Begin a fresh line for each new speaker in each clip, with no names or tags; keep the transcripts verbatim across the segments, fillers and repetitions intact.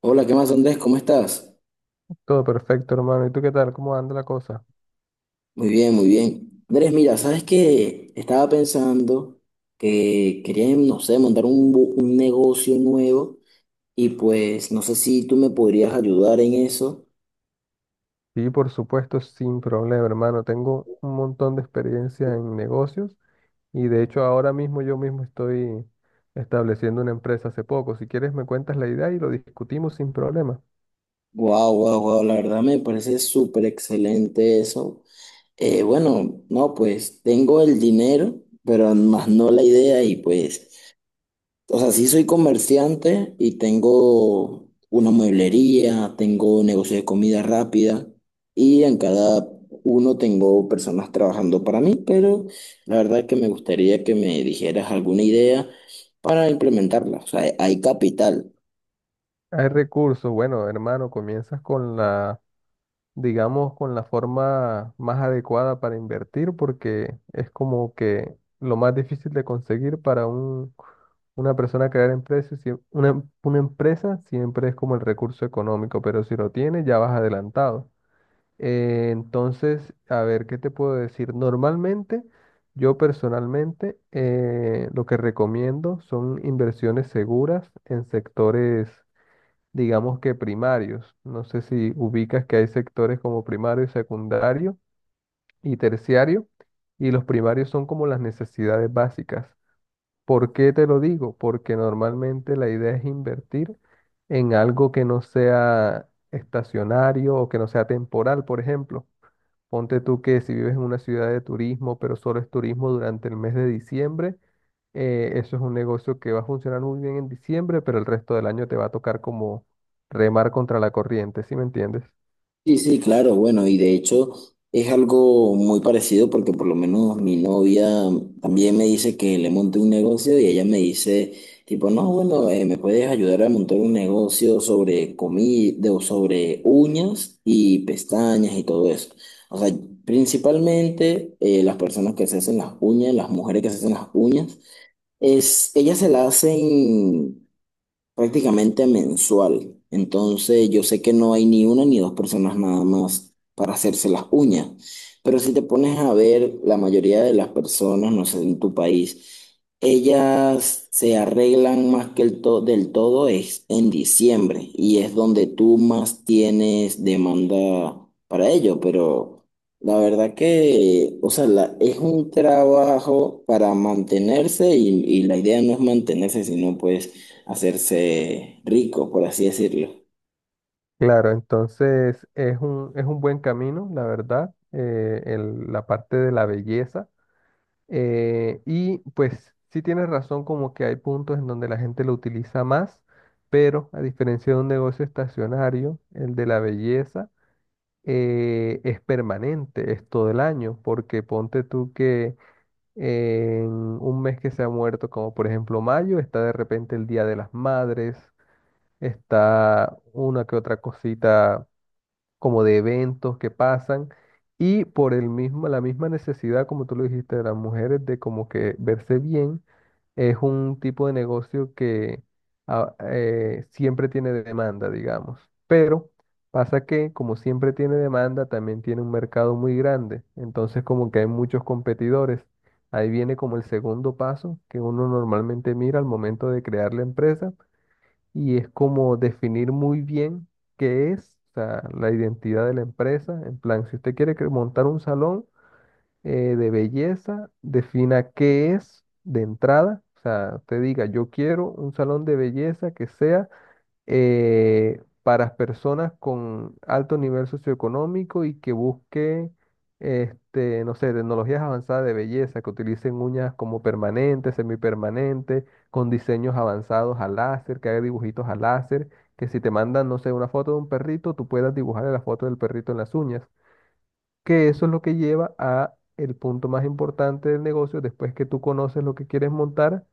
Hola, ¿qué más, Andrés? ¿Cómo estás?
Todo perfecto, hermano. ¿Y tú qué tal? ¿Cómo anda la cosa?
Muy bien, muy bien. Andrés, mira, ¿sabes qué? Estaba pensando que quería, no sé, montar un, bu- un negocio nuevo y pues no sé si tú me podrías ayudar en eso.
Sí, por supuesto, sin problema, hermano. Tengo un montón de experiencia en negocios y de hecho ahora mismo yo mismo estoy estableciendo una empresa hace poco. Si quieres, me cuentas la idea y lo discutimos sin problema.
Wow, wow, wow, la verdad me parece súper excelente eso. Eh, bueno, no, pues tengo el dinero, pero más no la idea y pues, o sea, sí soy comerciante y tengo una mueblería, tengo negocio de comida rápida y en cada uno tengo personas trabajando para mí, pero la verdad es que me gustaría que me dijeras alguna idea para implementarla. O sea, hay capital.
Hay recursos. Bueno, hermano, comienzas con la, digamos, con la forma más adecuada para invertir, porque es como que lo más difícil de conseguir para un, una persona crear empresas una, em- una empresa siempre es como el recurso económico, pero si lo tienes ya vas adelantado. Eh, entonces, a ver, ¿qué te puedo decir? Normalmente, yo personalmente, eh, lo que recomiendo son inversiones seguras en sectores, digamos que primarios. No sé si ubicas que hay sectores como primario, secundario y terciario, y los primarios son como las necesidades básicas. ¿Por qué te lo digo? Porque normalmente la idea es invertir en algo que no sea estacionario o que no sea temporal, por ejemplo. Ponte tú que si vives en una ciudad de turismo, pero solo es turismo durante el mes de diciembre, eh, eso es un negocio que va a funcionar muy bien en diciembre, pero el resto del año te va a tocar como remar contra la corriente, ¿sí me entiendes?
Sí, sí, claro, bueno, y de hecho es algo muy parecido porque por lo menos mi novia también me dice que le monte un negocio y ella me dice tipo, no, bueno, eh, me puedes ayudar a montar un negocio sobre comida o sobre uñas y pestañas y todo eso. O sea, principalmente eh, las personas que se hacen las uñas, las mujeres que se hacen las uñas, es, ellas se las hacen prácticamente mensual. Entonces yo sé que no hay ni una ni dos personas nada más para hacerse las uñas. Pero si te pones a ver, la mayoría de las personas, no sé, en tu país, ellas se arreglan más que el to- del todo es en diciembre y es donde tú más tienes demanda para ello. Pero la verdad que, o sea, la- es un trabajo para mantenerse y, y la idea no es mantenerse, sino pues hacerse rico, por así decirlo.
Claro, entonces es un, es un buen camino, la verdad, eh, el- la parte de la belleza. Eh, y pues sí tienes razón como que hay puntos en donde la gente lo utiliza más, pero a diferencia de un negocio estacionario, el de la belleza eh, es permanente, es todo el año, porque ponte tú que en un mes que se ha muerto, como por ejemplo mayo, está de repente el Día de las Madres, está una que otra cosita como de eventos que pasan y por el mismo, la misma necesidad, como tú lo dijiste, de las mujeres de como que verse bien, es un tipo de negocio que ah, eh, siempre tiene demanda, digamos. Pero pasa que como siempre tiene demanda, también tiene un mercado muy grande, entonces como que hay muchos competidores. Ahí viene como el segundo paso que uno normalmente mira al momento de crear la empresa y es como definir muy bien qué es, o sea, la identidad de la empresa. En plan, si usted quiere cre- montar un salón eh, de belleza, defina qué es de entrada. O sea, usted diga, yo quiero un salón de belleza que sea eh, para personas con alto nivel socioeconómico y que busque, este, no sé, tecnologías avanzadas de belleza, que utilicen uñas como permanentes, semipermanentes, con diseños avanzados a láser, que haga dibujitos a láser, que si te mandan, no sé, una foto de un perrito, tú puedas dibujar la foto del perrito en las uñas, que eso es lo que lleva a el punto más importante del negocio, después que tú conoces lo que quieres montar,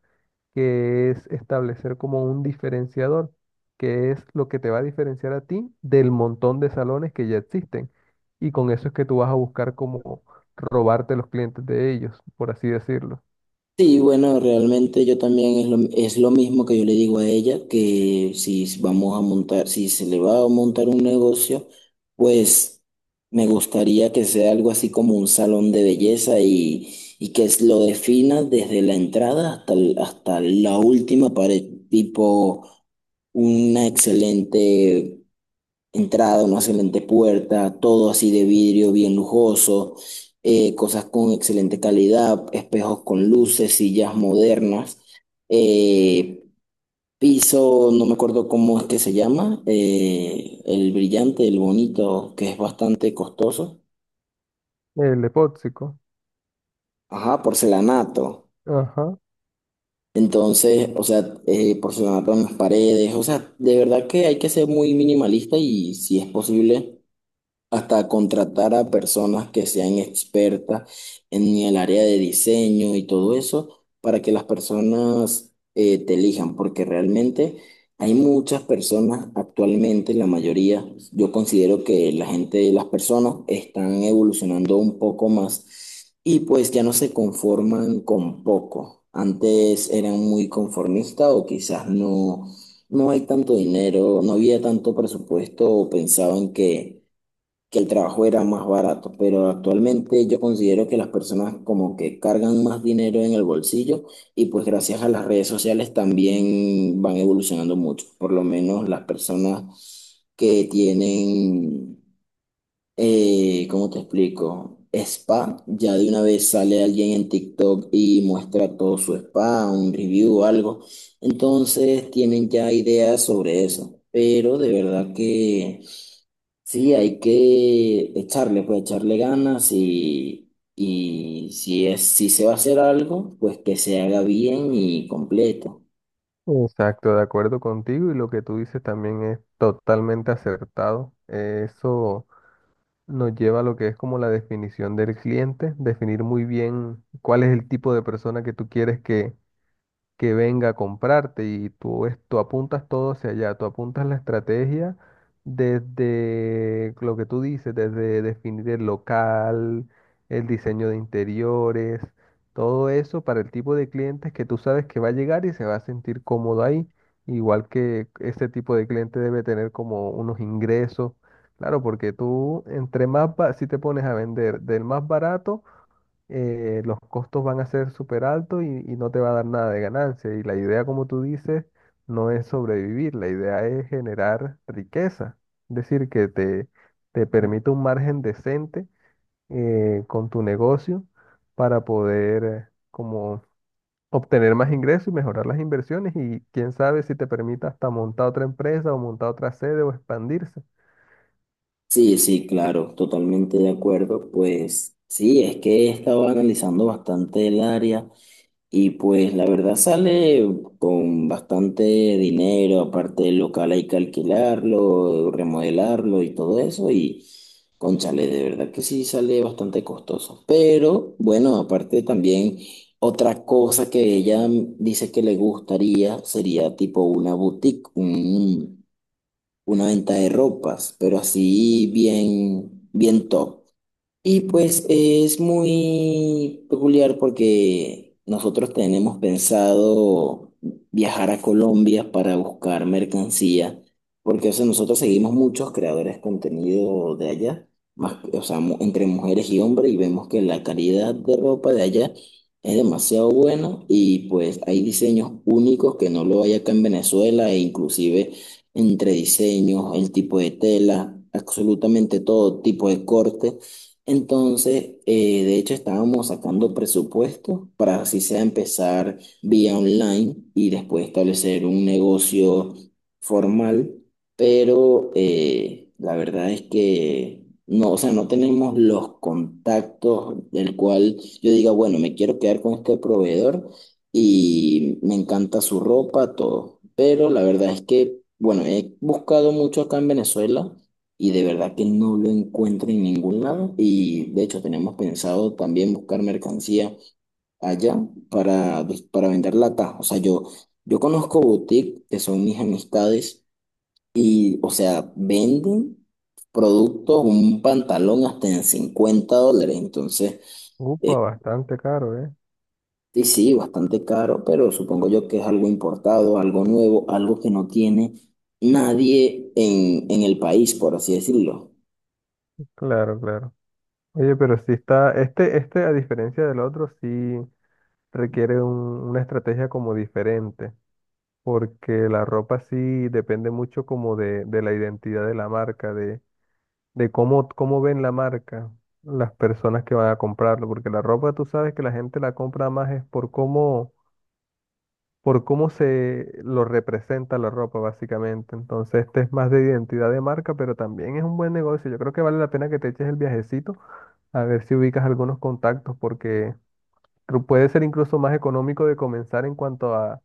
que es establecer como un diferenciador, que es lo que te va a diferenciar a ti del montón de salones que ya existen. Y con eso es que tú vas a buscar como robarte los clientes de ellos, por así decirlo.
Sí, bueno, realmente yo también es lo, es lo mismo que yo le digo a ella, que si vamos a montar, si se le va a montar un negocio, pues me gustaría que sea algo así como un salón de belleza y, y que es- lo defina desde la entrada hasta, el- hasta la última pared, tipo una excelente entrada, una excelente puerta, todo así de vidrio bien lujoso, eh, cosas con excelente calidad, espejos con luces, sillas modernas, eh, piso, no me acuerdo cómo es que se llama, eh, el brillante, el bonito, que es bastante costoso.
El epóxico.
Ajá, porcelanato.
Ajá.
Entonces, o sea, eh, porcelanato en las paredes, o sea, de verdad que hay que ser muy minimalista y si es posible hasta contratar a personas que sean expertas en el área de diseño y todo eso para que las personas eh, te elijan, porque realmente hay muchas personas actualmente, la mayoría, yo considero que la gente, las personas están evolucionando un poco más y pues ya no se conforman con poco. Antes eran muy conformistas o quizás no, no hay tanto dinero, no había tanto presupuesto o pensaban que que el trabajo era más barato, pero actualmente yo considero que las personas como que cargan más dinero en el bolsillo y pues gracias a las redes sociales también van evolucionando mucho, por lo menos las personas que tienen, eh, ¿cómo te explico? Spa, ya de una vez sale alguien en TikTok y muestra todo su spa, un review o algo, entonces tienen ya ideas sobre eso, pero de verdad que... Sí, hay que echarle, pues echarle ganas y, y si es, si se va a hacer algo, pues que se haga bien y completo.
Exacto, de acuerdo contigo y lo que tú dices también es totalmente acertado. Eh, Eso nos lleva a lo que es como la definición del cliente, definir muy bien cuál es el tipo de persona que tú quieres que, que venga a comprarte y tú, es- tú apuntas todo hacia allá, tú apuntas la estrategia desde lo que tú dices, desde definir el local, el diseño de interiores, todo eso para el tipo de clientes que tú sabes que va a llegar y se va a sentir cómodo ahí, igual que ese tipo de cliente debe tener como unos ingresos. Claro, porque tú entre más, ba- si te pones a vender del más barato, eh, los costos van a ser súper altos y, y no te va a dar nada de ganancia. Y la idea, como tú dices, no es sobrevivir, la idea es generar riqueza. Es decir, que te, te permita un margen decente eh, con tu negocio para poder eh, como obtener más ingresos y mejorar las inversiones y quién sabe si te permita hasta montar otra empresa o montar otra sede o expandirse.
Sí, sí, claro, totalmente de acuerdo. Pues sí, es que he estado analizando bastante el área. Y pues la verdad sale con bastante dinero, aparte del local hay que alquilarlo, remodelarlo y todo eso. Y cónchale, de verdad que sí sale bastante costoso. Pero bueno, aparte también otra cosa que ella dice que le gustaría sería tipo una boutique, un- una venta de ropas, pero así bien, bien top. Y pues es muy peculiar porque nosotros tenemos pensado viajar a Colombia para buscar mercancía, porque o sea, nosotros seguimos muchos creadores de contenido de allá, más, o sea, mu- entre mujeres y hombres, y vemos que la calidad de ropa de allá es demasiado buena y pues hay diseños únicos que no lo hay acá en Venezuela e inclusive entre diseños, el tipo de tela, absolutamente todo tipo de corte. Entonces, eh, de hecho, estábamos sacando presupuesto para así sea empezar vía online y después establecer un negocio formal, pero eh, la verdad es que no, o sea, no tenemos los contactos del cual yo diga, bueno, me quiero quedar con este proveedor y me encanta su ropa, todo. Pero la verdad es que, bueno, he buscado mucho acá en Venezuela y de verdad que no lo encuentro en ningún lado y de hecho tenemos pensado también buscar mercancía allá para, pues, para venderla acá. O sea, yo, yo conozco boutiques que son mis amistades y, o sea, venden productos, un pantalón hasta en cincuenta dólares. Entonces,
Upa, bastante caro, ¿eh?
sí, sí, bastante caro, pero supongo yo que es algo importado, algo nuevo, algo que no tiene nadie en, en el país, por así decirlo.
Claro, claro. Oye, pero sí está, este, este a diferencia del otro, sí requiere un- una estrategia como diferente, porque la ropa sí depende mucho como de, de la identidad de la marca, de, de cómo, cómo ven la marca las personas que van a comprarlo, porque la ropa tú sabes que la gente la compra más es por cómo, por cómo se lo representa la ropa básicamente. Entonces este es más de identidad de marca, pero también es un buen negocio. Yo creo que vale la pena que te eches el viajecito a ver si ubicas algunos contactos, porque cru- puede ser incluso más económico de comenzar en cuanto a,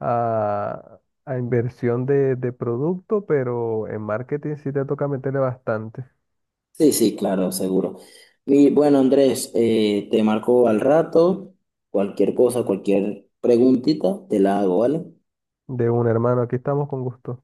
a, a inversión de, de producto, pero en marketing sí te toca meterle bastante.
Sí, sí, claro, seguro. Y bueno, Andrés, eh, te marco al rato. Cualquier cosa, cualquier preguntita, te la hago, ¿vale?
De un hermano, aquí estamos con gusto.